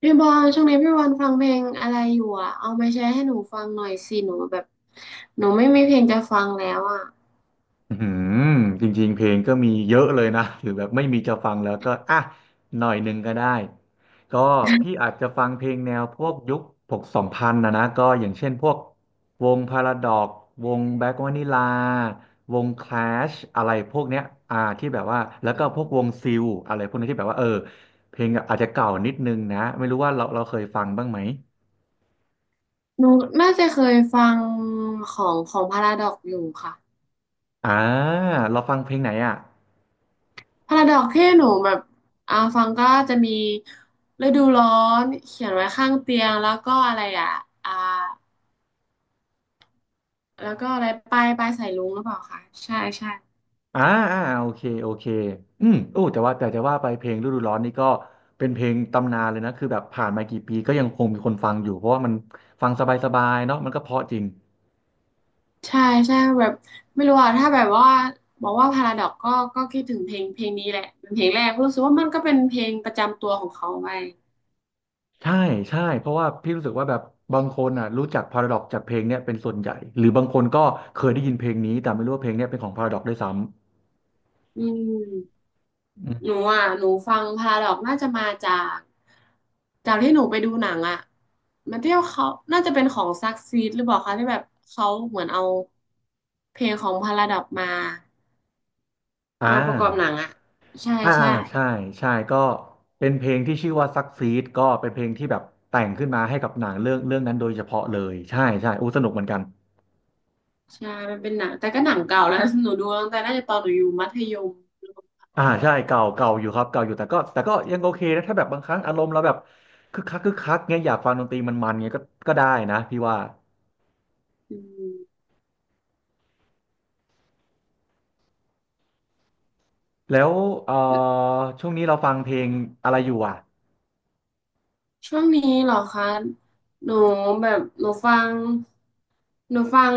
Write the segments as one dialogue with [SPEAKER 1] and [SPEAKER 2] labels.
[SPEAKER 1] พี่บอลช่วงนี้พี่บอลฟังเพลงอะไรอยู่อ่ะเอามาแชร์ให้หนูฟังหน่อยสิหนูแบบหนูไม่มีเพลงจะฟังแล้วอ่ะ
[SPEAKER 2] อืมจริงๆ เพลงก็มีเยอะเลยนะหรือแบบไม่มีจะฟังแล้วก็อ่ะหน่อยหนึ่งก็ได้ก็พี่อาจจะฟังเพลงแนวพวกยุคหกสองพันนะก็อย่างเช่นพวกวงพาราดอกวงแบล็กวานิลาวงคลาชอะไรพวกเนี้ยที่แบบว่าแล้ว
[SPEAKER 1] อื
[SPEAKER 2] ก็พวกวง
[SPEAKER 1] ม
[SPEAKER 2] ซิลอะไรพวกนี้ที่แบบว่าเพลงอาจจะเก่านิดนึงนะไม่รู้ว่าเราเคยฟังบ้างไหม
[SPEAKER 1] หนูน่าจะเคยฟังของพาราดอกอยู่ค่ะ
[SPEAKER 2] อ่าเราฟังเพลงไหนอ่ะ
[SPEAKER 1] พาราดอกที่หนูแบบฟังก็จะมีฤดูร้อนเขียนไว้ข้างเตียงแล้วก็อะไรอ่ะอ่าแล้วก็อะไรปลายสายรุ้งหรือเปล่าคะใช่ใช่
[SPEAKER 2] อ่าอ่าโอเคโอเคโอ้แต่จะว่าไปเพลงฤดูร้อนนี่ก็เป็นเพลงตำนานเลยนะคือแบบผ่านมากี่ปีก็ยังคงมีคนฟังอยู่เพราะว่ามันฟังสบายๆเนาะมันก็เพราะจริง
[SPEAKER 1] ใช่ใช่แบบไม่รู้อะถ้าแบบว่าบอกว่าพาราดอกก็ก็คิดถึงเพลงนี้แหละเป็นเพลงแรกรู้สึกว่ามันก็เป็นเพลงประจำตัวของเขาไป
[SPEAKER 2] ใช่ใช่เพราะว่าพี่รู้สึกว่าแบบบางคนอ่ะรู้จักพาราดอกจากเพลงเนี้ยเป็นส่วนใหญ่หรือบางคนก็เคยได้ยินเพลงนี้แต่ไม่รู้ว่าเพลงเนี้ยเป็นของพาราดอกด้วยซ้
[SPEAKER 1] อืม
[SPEAKER 2] ำอืม
[SPEAKER 1] หนูอ่ะหนูฟังพาราดอกน่าจะมาจากจากที่หนูไปดูหนังอะมันเที่ยวเขาน่าจะเป็นของซักซีดหรือเปล่าคะที่แบบเขาเหมือนเอาเพลงของพาราดอกมา
[SPEAKER 2] อ่า
[SPEAKER 1] มาประกอบหนังอะใช่
[SPEAKER 2] อ่า
[SPEAKER 1] ใช่
[SPEAKER 2] ใช่ใช่ก็เป็นเพลงที่ชื่อว่าซักซีดก็เป็นเพลงที่แบบแต่งขึ้นมาให้กับหนังเรื่องเรื่องนั้นโดยเฉพาะเลยใช่ใช่อู้สนุกเหมือนกัน
[SPEAKER 1] ใช่มันเป็นหนังแต่ก็หนังเก่าแล้ว หนูดูตั้งแต่น่าจะตอนหนูอยู่มัธยม
[SPEAKER 2] อ่าใช่เก่าเก่าอยู่ครับเก่าอยู่แต่ก็ยังโอเคนะถ้าแบบบางครั้งอารมณ์เราแบบคึกคักคึกคักเงี้ยอยากฟังดนตรีมันเงี้ยก็ได้นะพี่ว่า
[SPEAKER 1] อืม
[SPEAKER 2] แล้วเอ่อช่วงนี้เราฟังเพลงอะไรอยู่อ่ะ
[SPEAKER 1] ช่วงนี้เหรอคะหนูแบบหนูฟัง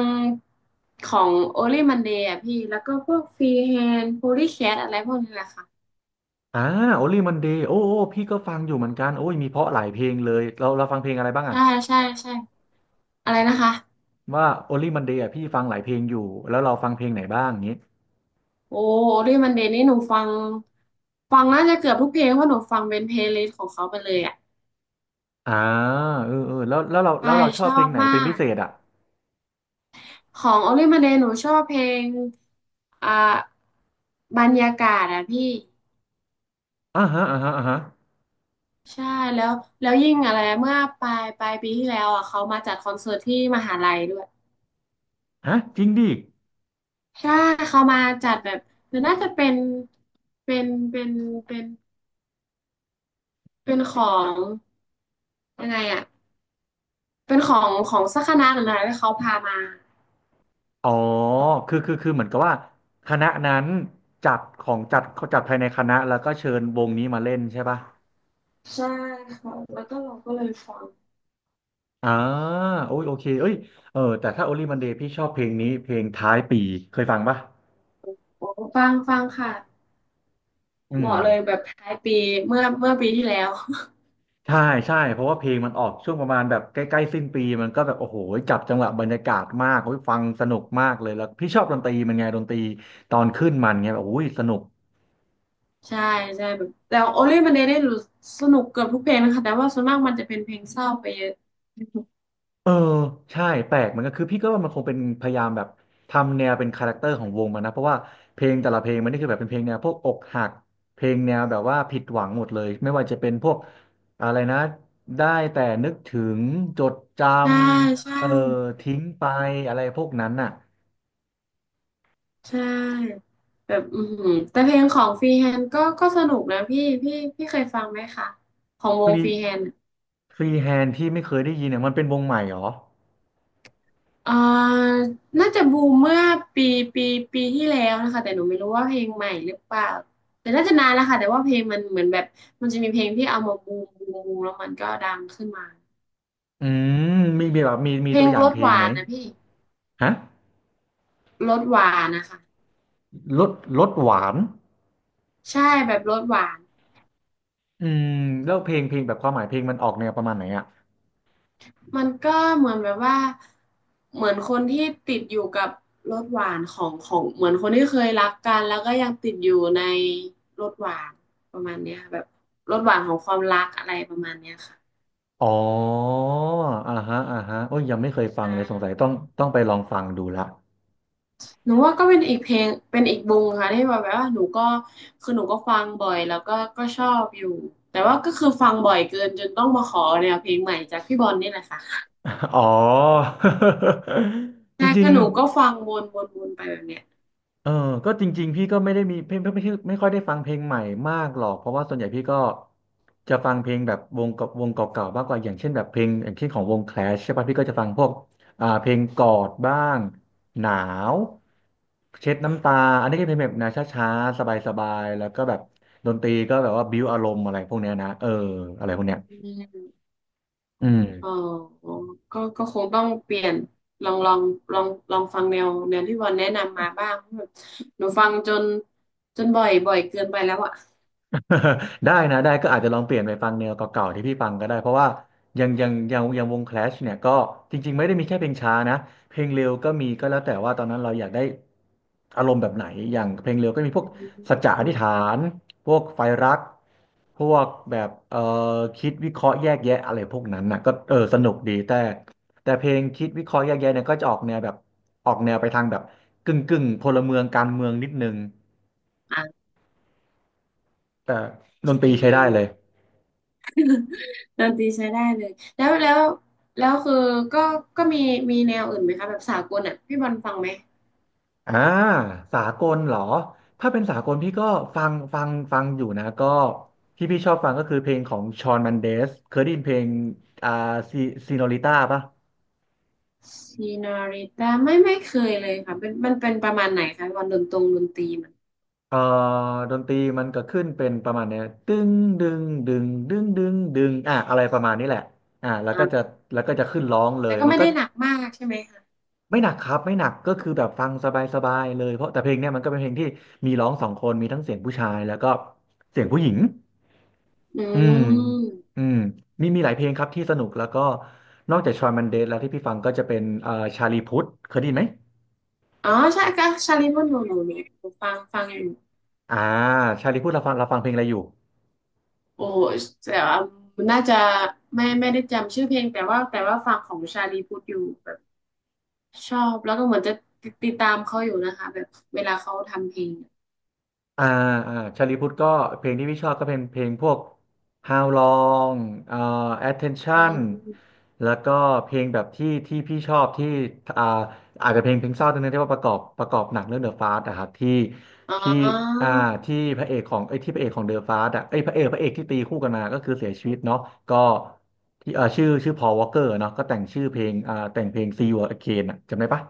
[SPEAKER 1] ของโอลี่มันเดยะพี่แล้วก็พวกฟรีแฮนโพลีแคทอะไรพวกนี้แหละค่ะ
[SPEAKER 2] อ่าโอลี่มันเดย์โอ้โอ้พี่ก็ฟังอยู่เหมือนกันโอ้ยมีเพราะหลายเพลงเลยเราฟังเพลงอะไรบ้างอ่ะ
[SPEAKER 1] ใช่ใช่ใช่อะไรนะคะ
[SPEAKER 2] ว่าโอลี่มันเดย์อ่ะพี่ฟังหลายเพลงอยู่แล้วเราฟังเพลงไหนบ้างอย่างงี้
[SPEAKER 1] โอ้โอลี่มันเดย์นี่หนูฟังน่าจะเกือบทุกเพลงเพราะหนูฟังเป็นเพลย์ลิสต์ของเขาไปเลยอ่ะ
[SPEAKER 2] อ่าเออเออแล้ว
[SPEAKER 1] ใช่
[SPEAKER 2] เราช
[SPEAKER 1] ช
[SPEAKER 2] อบเพ
[SPEAKER 1] อ
[SPEAKER 2] ล
[SPEAKER 1] บ
[SPEAKER 2] งไหน
[SPEAKER 1] มา
[SPEAKER 2] เป็นพิ
[SPEAKER 1] ก
[SPEAKER 2] เศษอ่ะ
[SPEAKER 1] ของโอลี่มันเดยหนูชอบเพลงอ่าบรรยากาศอะพี่
[SPEAKER 2] อ่าฮะอ่าฮะอ่าฮะ
[SPEAKER 1] ใช่แล้วยิ่งอะไรเมื่อปลายปีที่แล้วอ่ะเขามาจัดคอนเสิร์ตที่มหาลัยด้วย
[SPEAKER 2] ฮะจริงดิ
[SPEAKER 1] ใช่เขามาจัดแบบมันน่าจะเป็นเป็นเป็นเป็นของยังไงอ่ะเป็นของสักคณะหรืออะไรที่เขาพามา
[SPEAKER 2] อ๋อ คือเหมือนกับว่าคณะนั้นจัดของจัดภายในคณะแล้วก็เชิญวงนี้มาเล่นใช่ป่ะ
[SPEAKER 1] ใช่ค่ะแล้วก็เราก็เลยฟัง
[SPEAKER 2] อ่าโอ้ยโอเคเอ้ยเออแต่ถ้า Only Monday พี่ชอบเพลงนี้เพลงท้ายปีเคยฟังป่ะ
[SPEAKER 1] โอ้ฟังค่ะ
[SPEAKER 2] อื
[SPEAKER 1] เห
[SPEAKER 2] ม
[SPEAKER 1] มาะเลยแบบท้ายปีเมื่อปีที่แล้ว
[SPEAKER 2] ใช่ใช่เพราะว่าเพลงมันออกช่วงประมาณแบบใกล้ๆสิ้นปีมันก็แบบโอ้โหจับจังหวะบรรยากาศมากโอ้ยฟังสนุกมากเลย แล้วพี่ชอบดนตรีมันไงดนตรีตอนขึ้นมันไงแบบโอ้ยสนุก
[SPEAKER 1] ใช่ใช่แบบแต่โอลี่มันเดยได้รู้สนุกเกือบทุกเพลงนะคะแต่ว่าส่วนมากมันจะเป็นเพลงเศร้าไปเยอะ
[SPEAKER 2] เออใช่แปลกเหมือนกันคือพี่ก็ว่ามันคงเป็นพยายามแบบทำแนวเป็นคาแรคเตอร์ของวงมันนะเพราะว่าเพลงแต่ละเพลงมันนี่คือแบบเป็นเพลงแนวพวกอกหักเพลงแนวแบบว่าผิดหวังหมดเลยไม่ว่าจะเป็นพวกอะไรนะได้แต่นึกถึงจดจ
[SPEAKER 1] ใช่ใช่
[SPEAKER 2] ำเออทิ้งไปอะไรพวกนั้นน่ะ
[SPEAKER 1] ใช่แบบอือหือแต่เพลงของฟรีแฮนด์ก็ก็สนุกนะพี่เคยฟังไหมคะของ
[SPEAKER 2] ฟ
[SPEAKER 1] วง
[SPEAKER 2] รี
[SPEAKER 1] ฟรีแฮนด์
[SPEAKER 2] ฟรีแฮนที่ไม่เคยได้ยินเนี่ยมันเป็นวงใหม่เหรอ
[SPEAKER 1] อ่าน่าจะบูมเมื่อปีปีปีที่แล้วนะคะแต่หนูไม่รู้ว่าเพลงใหม่หรือเปล่าแต่น่าจะนานแล้วค่ะแต่ว่าเพลงมันเหมือนแบบมันจะมีเพลงที่เอามาบูมแล้วมันก็ดังขึ้นมา
[SPEAKER 2] อืมมีแบบมี
[SPEAKER 1] เพล
[SPEAKER 2] ตั
[SPEAKER 1] ง
[SPEAKER 2] วอย่า
[SPEAKER 1] ร
[SPEAKER 2] ง
[SPEAKER 1] ส
[SPEAKER 2] เพล
[SPEAKER 1] ห
[SPEAKER 2] ง
[SPEAKER 1] วา
[SPEAKER 2] ไหม
[SPEAKER 1] นนะพี่
[SPEAKER 2] ฮะ
[SPEAKER 1] รสหวานนะคะ
[SPEAKER 2] รสรสหวาน
[SPEAKER 1] ใช่แบบรสหวาน
[SPEAKER 2] อืมแล้วเพลงแบบความหมายเพลงมันออกแนวประมาณไหนอ่ะ
[SPEAKER 1] มันก็เหมือนแบบว่าเหมือนคนที่ติดอยู่กับรสหวานของเหมือนคนที่เคยรักกันแล้วก็ยังติดอยู่ในรสหวานประมาณเนี้ยค่ะแบบรสหวานของความรักอะไรประมาณเนี้ยค่ะ
[SPEAKER 2] อ๋ออ่าฮะอ่าฮะโอ้ยยังไม่เคยฟัง
[SPEAKER 1] ใช่
[SPEAKER 2] เลยสงสัยต้องไปลองฟังดูละ
[SPEAKER 1] หนูว่าก็เป็นอีกเพลงเป็นอีกวงค่ะที่แบบว่าหนูก็คือหนูก็ฟังบ่อยแล้วก็ก็ชอบอยู่แต่ว่าก็คือฟังบ่อยเกินจนต้องมาขอแนวเพลงใหม่จากพี่บอลนี่แหละค่ะ
[SPEAKER 2] อ๋อ จ
[SPEAKER 1] ใช่
[SPEAKER 2] ริ
[SPEAKER 1] คื
[SPEAKER 2] ง
[SPEAKER 1] อหนูก็ฟังวนไปแบบเนี้ย
[SPEAKER 2] เออก็จริงๆพี่ก็ไม่ได้มีเพลงไม่ค่อยได้ฟังเพลงใหม่มากหรอก เพราะว่าส่วนใหญ่พี่ก็จะฟังเพลงแบบวงกับวงเก่าๆมากกว่าอย่างเช่นแบบเพลงอย่างเช่นของวงแคลชใช่ป่ะพี่ก็จะฟังพวกเพลงกอดบ้างหนาวเช็ดน้ำตา อันนี้ก็เป็นแบบแนวช้าๆสบายๆ แล้วก็แบบดนตรีก็แบบว่าบิ้วอารมณ์อะไรพวกเนี้ยนะเอออะไรพวกเนี้ย
[SPEAKER 1] อืม
[SPEAKER 2] อืม
[SPEAKER 1] อ๋อก็ก็คงต้องเปลี่ยนลองลองลองฟังแนวที่วันแนะนำมาบ้างแบบหนูฟังจนจนบ่อยเกินไปแล้วอ่ะ
[SPEAKER 2] ได้นะได้ก็อาจจะลองเปลี่ยนไปฟังแนวเก่าๆที่พี่ฟังก็ได้เพราะว่ายังวง Clash เนี่ยก็จริงๆไม่ได้มีแค่เพลงช้านะเพลงเร็วก็มีก็แล้วแต่ว่าตอนนั้นเราอยากได้อารมณ์แบบไหนอย่างเพลงเร็วก็มีพวก
[SPEAKER 1] อื
[SPEAKER 2] สัจจะอธิ
[SPEAKER 1] ม
[SPEAKER 2] ษฐานพวกไฟรักพวกแบบคิดวิเคราะห์แยกแยะอะไรพวกนั้นนะก็เออสนุกดีแต่เพลงคิดวิเคราะห์แยกแยะเนี่ยก็จะออกแนวแบบออกแนวไปทางแบบกึ่งกึ่งพลเมืองการเมืองนิดนึง
[SPEAKER 1] โ
[SPEAKER 2] แต่ด
[SPEAKER 1] อเ
[SPEAKER 2] นตรีใช้ได้เล
[SPEAKER 1] ค
[SPEAKER 2] ย
[SPEAKER 1] ดนตรีใช้ได้เลยแล้วแล้วแล้วคือก็ก็มีมีแนวอื่นไหมคะแบบสากลอ่ะพี่บอลฟังไหม
[SPEAKER 2] อ่าสากลเหรอถ้าเป็นสากลพี่ก็ฟังอยู่นะก็ที่พี่ชอบฟังก็คือเพลงของชอนมันเดสเคยได้ยินเพลงอ่าซีซีโนริต้าปะ
[SPEAKER 1] ซีนาริตาไม่เคยเลยค่ะเป็นมันเป็นประมาณไหนคะวันดนตรงดนตรีมัน
[SPEAKER 2] เอ่อดนตรีมันก็ขึ้นเป็นประมาณเนี้ยตึ้งดึงอ่ะอะไรประมาณนี้แหละอ่าแล้วก็จะ
[SPEAKER 1] อ่า
[SPEAKER 2] แล้วก็จะขึ้นร้องเล
[SPEAKER 1] แต่
[SPEAKER 2] ย
[SPEAKER 1] ก็
[SPEAKER 2] มัน
[SPEAKER 1] ไม่
[SPEAKER 2] ก็
[SPEAKER 1] ได้หนักมากใช่ไหมคะ
[SPEAKER 2] ไม่หนักครับไม่หนักก็คือแบบฟังสบายๆเลยเพราะแต่เพลงเนี้ยมันก็เป็นเพลงที่มีร้องสองคนมีทั้งเสียงผู้ชายแล้วก็เสียงผู้หญิง
[SPEAKER 1] อื
[SPEAKER 2] อืม
[SPEAKER 1] ม
[SPEAKER 2] อืมมีหลายเพลงครับที่สนุกแล้วก็นอกจากชอยมันเดสแล้วที่พี่ฟังก็จะเป็นชาลีพุทธเคยได้ยินไหม
[SPEAKER 1] อ๋อใช่ก็ชาลีมอนโนโนเนี่ยฟังอยู่
[SPEAKER 2] อ่าชาลีพุทธเราฟังเราเพลงอะไรอยู่
[SPEAKER 1] โอ้แต่ว่ามันน่าจะไม่ได้จำชื่อเพลงแต่ว่าแต่ว่าฟังของชาลีพูดอยู่แบบชอบแล้วก็เหมือนจะติดตามเขาอยู่นะคะแบบเวลาเขาทำเพลง
[SPEAKER 2] อ่าอ่าชาลีพุทธก็เพลงที่พี่ชอบก็เป็นเพลงพวก How Long เอ่อ
[SPEAKER 1] อื
[SPEAKER 2] Attention
[SPEAKER 1] ม
[SPEAKER 2] แล้วก็เพลงแบบที่พี่ชอบที่อ่าอาจจะเพลงเศร้าตรงนั้นที่ว่าประกอบหนังเรื่อง The Fast อะครับที่
[SPEAKER 1] อ๋
[SPEAKER 2] ที่
[SPEAKER 1] อ
[SPEAKER 2] อ่าที่พระเอกของไอ้ยที่พระเอกของ The Fast อะไอ้ยพระเอกที่ตีคู่กันมาก็คือเสียชีวิตเนาะก็ที่ชื่อ Paul Walker เนาะก็แต่งชื่อเพลงแต่งเพลง See You Again อะจำได้ปะ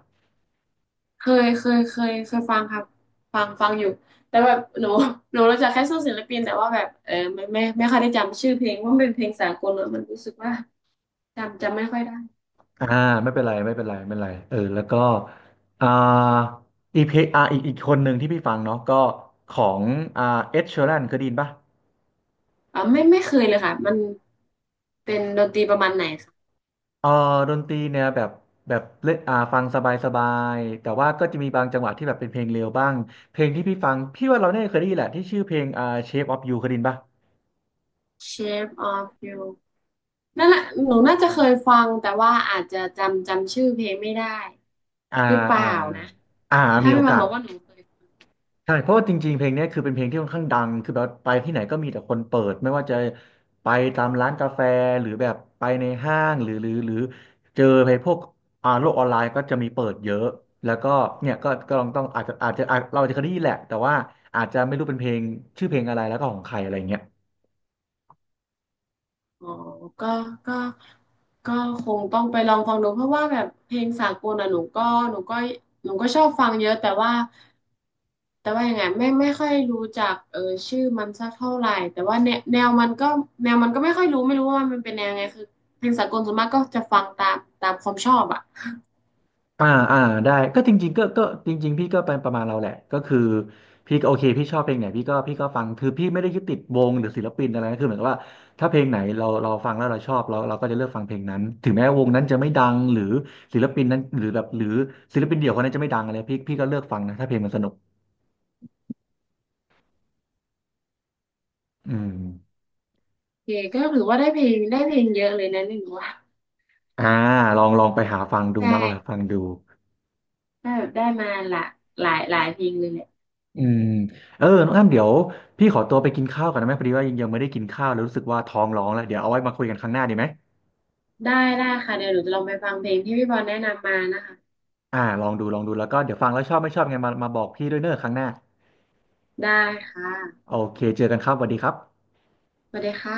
[SPEAKER 1] เคยฟังครับฟังอยู่แต่แบบหนูหนูรู้จักแค่ชื่อศิลปินแต่ว่าแบบไม่ค่อยได้จำชื่อเพลงว่ามันเป็นเพลงสากลเนอะมันรู้สึกว่าจำไม่ค่อยได้
[SPEAKER 2] อ่าไม่เป็นไรไม่เป็นไรไม่เป็นไรเออแล้วก็อ่าอีพีอีกคนหนึ่งที่พี่ฟังเนาะก็ของอ่าเอ็ดชีแรนเคยได้ยินปะ
[SPEAKER 1] ไม่เคยเลยค่ะมันเป็นดนตรีประมาณไหนคะ
[SPEAKER 2] เออดนตรีเนี่ยแบบแบบเล่นฟังสบายสบายแต่ว่าก็จะมีบางจังหวะที่แบบเป็นเพลงเร็วบ้างเพลงที่พี่ฟังพี่ว่าเราเนี่ยเคยได้ยินแหละที่ชื่อเพลงShape of You เคยได้ยินปะ
[SPEAKER 1] Shape of You นั่นแหละหนูน่าจะเคยฟังแต่ว่าอาจจะจำชื่อเพลงไม่ได้
[SPEAKER 2] อ่า
[SPEAKER 1] หรือเปล่า
[SPEAKER 2] อ่า
[SPEAKER 1] นะ
[SPEAKER 2] อ่า
[SPEAKER 1] ถ้า
[SPEAKER 2] มีโอ
[SPEAKER 1] พี่วัน
[SPEAKER 2] กา
[SPEAKER 1] บ
[SPEAKER 2] ส
[SPEAKER 1] อกว่าหนูเคย
[SPEAKER 2] ใช่เพราะว่าจริงๆเพลงเนี้ยคือเป็นเพลงที่ค่อนข้างดังคือแบบไปที่ไหนก็มีแต่คนเปิดไม่ว่าจะไปตามร้านกาแฟหรือแบบไปในห้างหรือเจอไปพวกโลกออนไลน์ก็จะมีเปิดเยอะแล้วก็เนี่ยก็ก็ลองต้องอาจจะอาจจะอาจเราอาจจะเคยได้ยินแหละแต่ว่าอาจจะไม่รู้เป็นเพลงชื่อเพลงอะไรแล้วก็ของใครอะไรเงี้ย
[SPEAKER 1] อ๋อก็ก็ก็คงต้องไปลองฟังดูเพราะว่าแบบเพลงสากลอ่ะหนูก็หนูก็ชอบฟังเยอะแต่ว่า แต่ว่ายังไงไม่ค่อยรู้จักชื่อมันสักเท่าไหร่แต่ว่าแนวมันก็แนวมันก็ไม่ค่อยรู้ไม่รู้ว่ามันเป็นแนวไงคือเพลงสากลส่วนมากก็จะฟังตามความชอบอ่ะ
[SPEAKER 2] อ่าอ่าได้ก็จริงๆก็จริงๆพี่ก็เป็นประมาณเราแหละก็คือพี่ก็โอเคพี่ชอบเพลงไหนพี่ก็ฟังคือพี่ไม่ได้ยึดติดวงหรือศิลปินอะไรนะคือเหมือนกับว่าถ้าเพลงไหนเราฟังแล้วเราชอบเราก็จะเลือกฟังเพลงนั้นถึงแม้วงนั้นจะไม่ดังหรือศิลปินนั้นหรือแบบหรือศิลปินเดี่ยวคนนั้นจะไม่ดังอะไรพี่ก็เลือกฟังนะถ้าเพลงมันสนุกอืม
[SPEAKER 1] โอเคก็ถือว่าได้เพลงเยอะเลยนะนี่หนูว่า
[SPEAKER 2] อ่าลองลองไปหาฟังดู
[SPEAKER 1] ใช่
[SPEAKER 2] เนอะลองหาฟังดู
[SPEAKER 1] ได้แบบได้มาหลายเพลงเลยแหละ
[SPEAKER 2] อืมเออน้องอ้ำเดี๋ยวพี่ขอตัวไปกินข้าวก่อนนะแม่พอดีว่ายังไม่ได้กินข้าวเลยรู้สึกว่าท้องร้องแล้วเดี๋ยวเอาไว้มาคุยกันครั้งหน้าดีไหม
[SPEAKER 1] ได้ได้ค่ะเดี๋ยวหนูจะลองไปฟังเพลงที่พี่บอลแนะนำมานะคะ
[SPEAKER 2] ลองดูลองดูแล้วก็เดี๋ยวฟังแล้วชอบไม่ชอบไงมาบอกพี่ด้วยเนอะครั้งหน้า
[SPEAKER 1] ได้ค่ะ
[SPEAKER 2] โอเคเจอกันครับสวัสดีครับ
[SPEAKER 1] สวัสดีค่ะ